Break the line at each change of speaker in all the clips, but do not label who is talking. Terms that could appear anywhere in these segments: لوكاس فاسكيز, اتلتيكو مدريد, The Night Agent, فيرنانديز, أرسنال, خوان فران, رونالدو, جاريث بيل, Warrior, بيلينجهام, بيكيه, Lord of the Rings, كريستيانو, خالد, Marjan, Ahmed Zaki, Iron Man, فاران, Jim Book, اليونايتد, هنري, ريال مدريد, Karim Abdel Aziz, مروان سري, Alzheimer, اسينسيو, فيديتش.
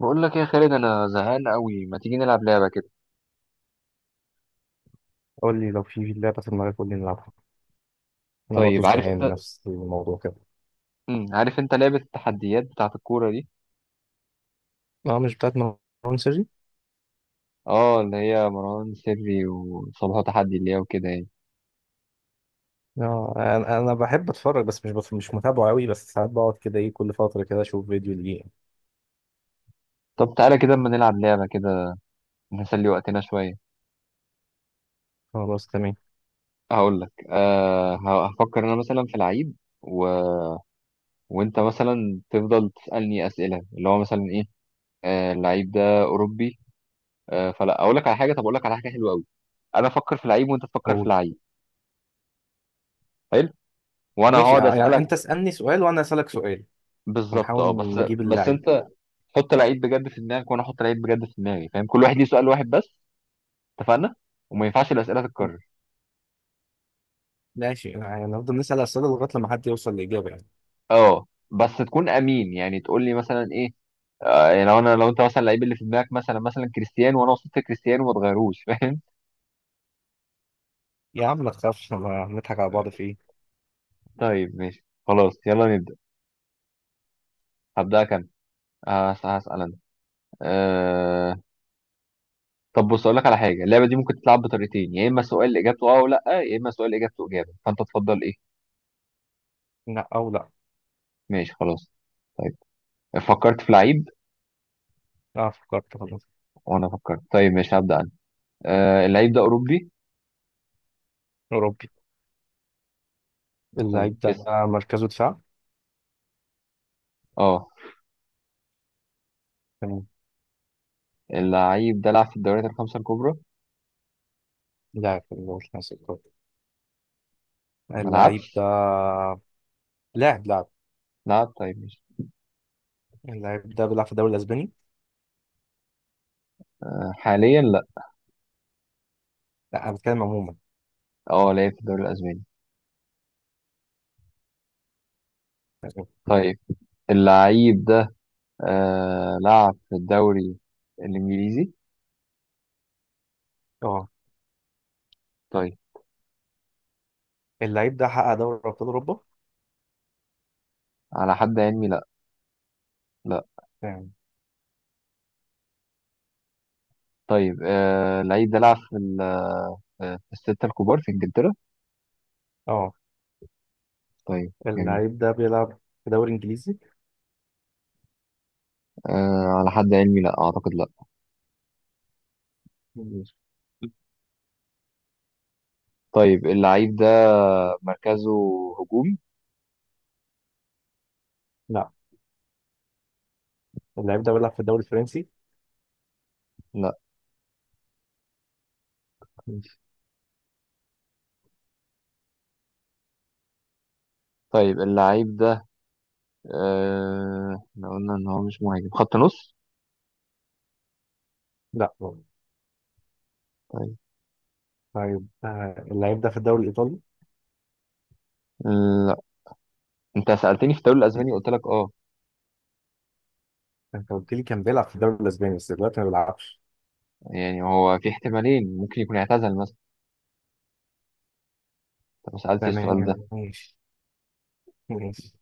بقول لك إيه يا خالد، انا زهقان قوي، ما تيجي نلعب لعبه كده؟
قول لي لو في لعبة في دماغك، قول لي نلعبها. أنا برضو
طيب عارف؟ يلا
زهقان
انت.
نفس الموضوع كده.
عارف انت لعبه التحديات بتاعه الكوره دي؟
أه، مش بتاعت مروان سري.
اه، اللي هي مروان سري وصلاح تحدي، اللي هي وكده يعني.
أه أنا بحب أتفرج بس مش متابعه أوي، بس ساعات بقعد كده إيه، كل فترة كده أشوف فيديو ليه.
طب تعالى كده اما نلعب لعبه كده، نسلي وقتنا شويه.
خلاص تمام.
هقول لك. هفكر انا مثلا في لعيب و... وانت مثلا تفضل تسالني اسئله، اللي هو مثلا ايه؟ اللعيب ده اوروبي؟ فلا اقول لك على حاجه، طب اقول لك على حاجه حلوه قوي. انا افكر في لعيب وانت تفكر في
قول.
لعيب. حلو. وانا
ماشي
هقعد
يعني
اسالك.
أنت اسألني سؤال وأنا أسألك سؤال
بالظبط،
ونحاول
اه، بس
نجيب
بس
اللعيب.
انت حط العيد بجد في دماغك وانا احط العيد بجد في دماغي، فاهم؟ كل واحد ليه سؤال واحد بس. اتفقنا؟ وما ينفعش الاسئله تتكرر.
ماشي يعني نفضل نسأل أسئلة لغاية لما حد يوصل لإجابة يعني.
اه. بس تكون امين، يعني تقول لي مثلا ايه. آه، يعني لو انت مثلا اللعيب اللي في دماغك مثلا كريستيانو، وانا وصلت كريستيانو ما تغيروش فاهم؟
يا عم ما تخافش، ما نضحك على بعض في إيه.
طيب ماشي خلاص يلا نبدا. هبدا كام؟ هسال انا. أه... طب بص اقول لك على حاجه، اللعبه دي ممكن تتلعب بطريقتين، يا اما سؤال اجابته اه ولا لا، يا اما سؤال اجابته اجابه، فانت تفضل ايه؟
لا أو لا.
ماشي خلاص. طيب. فكرت في لعيب.
أه فكرت خلاص.
وانا فكرت. طيب مش هبدأ انا. آه، اللعيب ده اوروبي.
أوروبي.
طيب
اللعيب ده
اسم.
مركزه دفاع.
اه.
تمام.
اللعيب ده لعب في الدوريات الخمسة الكبرى؟
لا، في الوسط.
ما
اللعيب ده
لعبش؟
لاعب.
لعب. طيب مش.
اللعيب ده بيلعب في الدوري الاسباني.
آه، حاليا لا.
لا، انا بتكلم عموما.
اه، لعب في الدوري الاسباني. طيب. اللعيب ده، آه، لعب في الدوري الانجليزي.
اه.
طيب.
اللعيب ده حقق دوري ابطال اوروبا
على حد علمي لا. لا.
يعني.
طيب، آه، اللعيب ده لعب في آه، في الستة الكبار في انجلترا.
اه.
طيب جميل.
اللعيب ده بيلعب في دوري انجليزي.
آه، على حد علمي لا اعتقد، لا.
ماشي.
طيب اللعيب ده مركزه هجوم؟
لا. اللعيب ده بيلعب في الدوري الفرنسي.
لا.
ماشي.
طيب اللعيب ده، احنا قلنا ان هو مش مهاجم خط نص.
لا.
طيب.
طيب اللعيب ده في الدوري الايطالي.
لا. انت سألتني في الدوري الاسباني قلت لك اه،
انت قلت لي كان بيلعب في الدوري الاسباني بس دلوقتي ما بيلعبش.
يعني هو في احتمالين، ممكن يكون اعتزل مثلا. انت ما سألتش السؤال
تمام
ده.
ماشي. ماشي.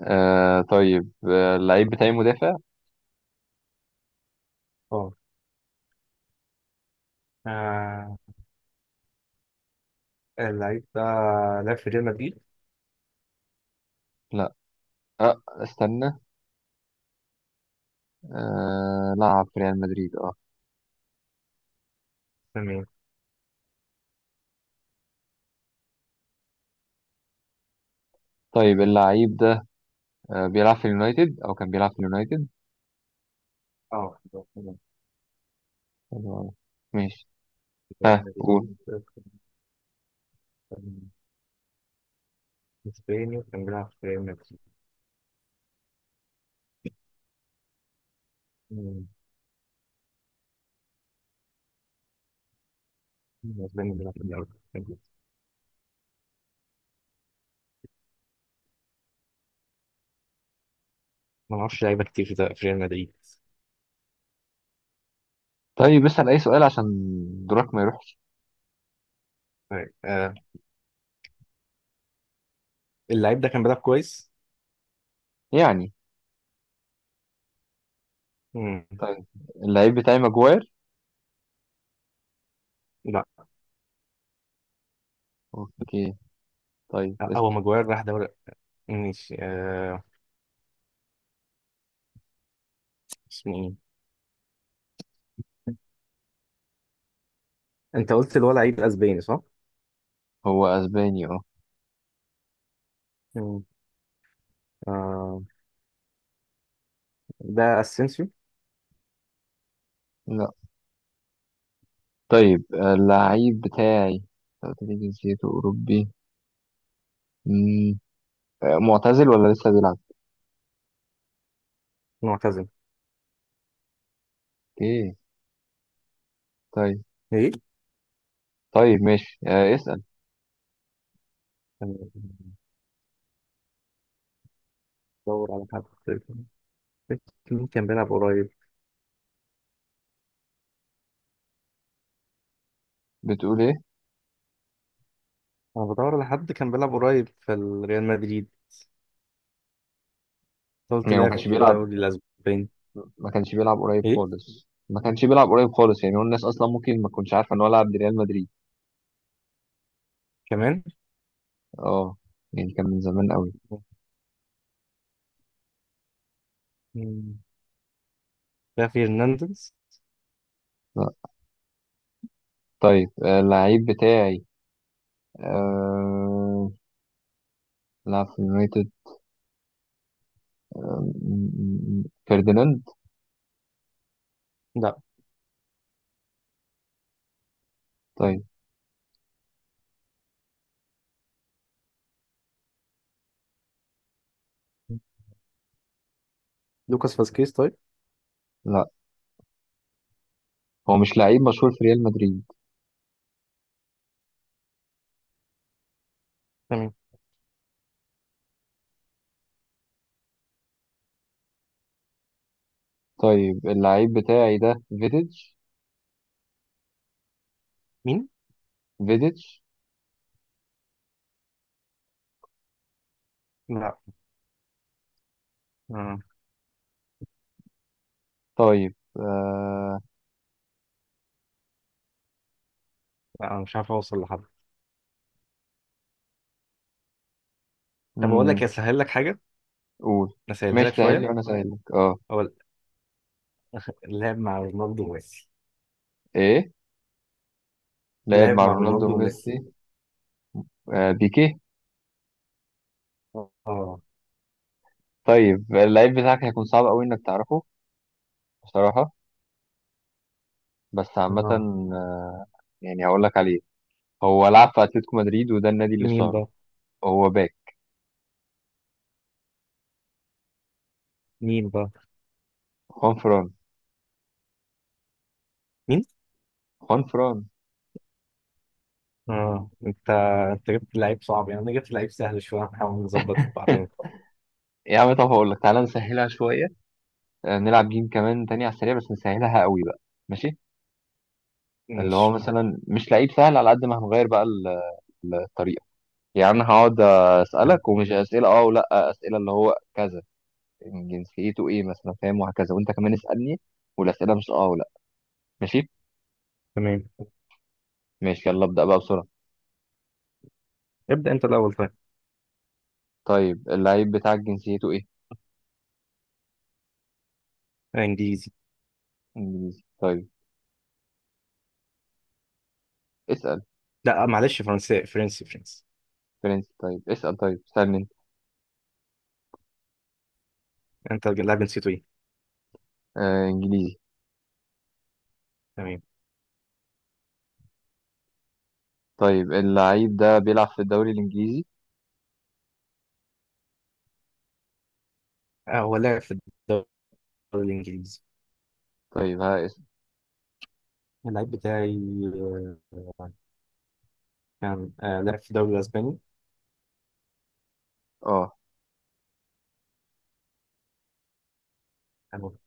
طيب اللعيب بتاعي مدافع.
اه. آه، اللعيب ده لعب في ريال مدريد.
لا. استنى. لعب في ريال مدريد، اه.
تمام.
طيب اللعيب ده، بيلعب في اليونايتد او كان بيلعب في اليونايتد.
اه لعب في
حلو أوي. ماشي.
ريال
ها قول.
مدريد. كان اسباني، كان بيلعب في ريال مدريد. مم. اسباني بيلعب في الأول. ما اعرفش لعيبه كتير في ريال مدريد.
طيب اسأل اي سؤال عشان دورك ما يروحش،
طيب آه، اللعيب ده كان بيلعب كويس.
يعني.
مم.
طيب اللعيب بتاعي ماجواير.
لا.
اوكي طيب اسأل.
هو ماجواير راح دوري. ماشي آه، اسمه ايه؟ انت قلت اللي هو لعيب اسباني، صح؟
هو اسباني، اه.
مم. آه، ده اسينسيو.
لا. طيب، آه، اللعيب بتاعي، أنت قلت لي جنسيته اوروبي. مم. آه، معتزل ولا لسه بيلعب؟
معتزل.
اوكي. طيب.
ايه؟
طيب ماشي، آه، اسأل.
كان بدور على حد. مين كان بيلعب قريب؟
بتقول ايه؟
انا بدور على حد كان بيلعب قريب في ريال مدريد. قلت
يعني ما
لاعب
كانش
في
بيلعب.
الدوري الاسباني.
ما كانش بيلعب قريب
ايه
خالص، ما كانش بيلعب قريب خالص، يعني هو الناس اصلا ممكن ما تكونش عارفه ان هو لعب لريال مدريد.
كمان؟
اه. يعني كان من زمان قوي.
مين؟ ده فيرنانديز.
لا. طيب، آه، اللعيب بتاعي، آه... لعب في يونايتد. آه، م- فرديناند.
لا.
طيب.
مم. لوكاس فاسكيز طيب.
لا. هو مش لعيب مشهور في ريال مدريد.
تمام.
طيب اللعيب بتاعي ده فيديتش.
مين؟
فيديتش.
لا. آه.
طيب،
لا انا مش عارف اوصل لحد. طب اقول
مم.
لك اسهل لك حاجه،
قول.
اسهلها
ماشي
لك
سهل لي
شويه.
وانا سهل لك، اه.
هو لعب مع رونالدو وميسي.
ايه؟ لعب
لعب
مع
مع
رونالدو
رونالدو وميسي.
وميسي. آه، بيكيه.
اه.
طيب اللعيب بتاعك هيكون صعب قوي انك تعرفه، بصراحة، بس عامة.
اه.
آه، يعني هقول لك عليه. هو لعب في اتلتيكو مدريد، وده النادي اللي
مين
اشتهره.
بقى؟
هو باك.
مين بقى؟
خوان فران.
مين؟
خوان فران.
اه انت، انت جبت لعيب صعب، يعني انا جبت لعيب سهل شويه، هنحاول نظبط بعدين.
يا عم، طب هقول لك، تعالى نسهلها شوية. آه، نلعب جيم كمان تاني على السريع بس نسهلها قوي بقى. ماشي. اللي هو
ماشي.
مثلا مش لعيب سهل، على قد ما هنغير بقى الطريقه. يعني انا هقعد
تم-
اسالك، ومش اسئله اه ولا، اسئله اللي هو كذا. يعني جنسيته ايه مثلا، فاهم؟ وهكذا. وانت كمان اسالني، والاسئله مش اه ولا. ماشي.
تمام.
ماشي يلا ابدا بقى بسرعه.
ابدا انت الاول. طيب
طيب اللعيب بتاعك جنسيته ايه؟
آه، انجليزي.
انجليزي طيب. اسال.
لا معلش، فرنسي فرنسي فرنسي.
فرنسي طيب. اسال. طيب اسالني انت.
انت اللاعب نسيته ايه؟
آه، انجليزي.
تمام.
طيب اللعيب ده بيلعب في الدوري الانجليزي؟
آه، هو لعب في الدوري الإنجليزي.
طيب ها اسال.
اللعيب بتاعي آه، كان لعب في الدوري الأسباني.
اه.
كان-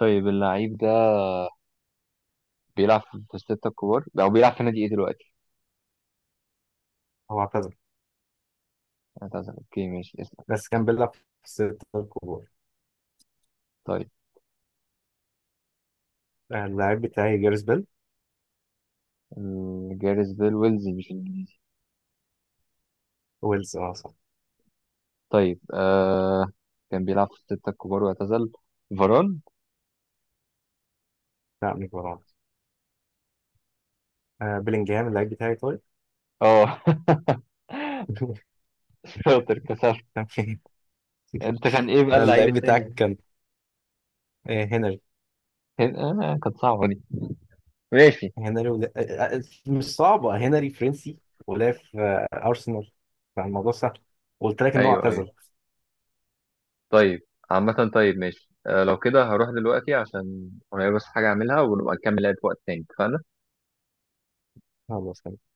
طيب اللعيب ده بيلعب في الستة الكبار او بيلعب في نادي ايه دلوقتي؟
هو اعتزل
هتعزل. اوكي ماشي.
بس كان بيلعب في الستة الكبار.
طيب
آه، اللعيب بتاعي جاريث بيل.
جاريث بيل ويلزي مش انجليزي.
ويلز اه صح.
طيب، آه، كان بيلعب في الستة الكبار واعتزل. فاران؟
لا مش برونز. آه، بيلينجهام اللعيب بتاعي طيب.
اه شاطر، كسبت.
تمام.
انت كان ايه بقى
آه،
اللعيب
اللعيب بتاعك
التاني؟
كان آه، هنري.
كان، آه، كانت صعبة دي. ماشي.
آه، مش صعبة، هنري فرنسي ولعب في آه، أرسنال، فالموضوع سهل. قلت لك إن هو
ايوه ايوه.
اعتزل.
طيب. عامة طيب ماشي، آه، لو كده هروح دلوقتي عشان ورايا بس حاجة اعملها، ونبقى نكمل لعب في وقت تاني، اتفقنا؟
خلاص.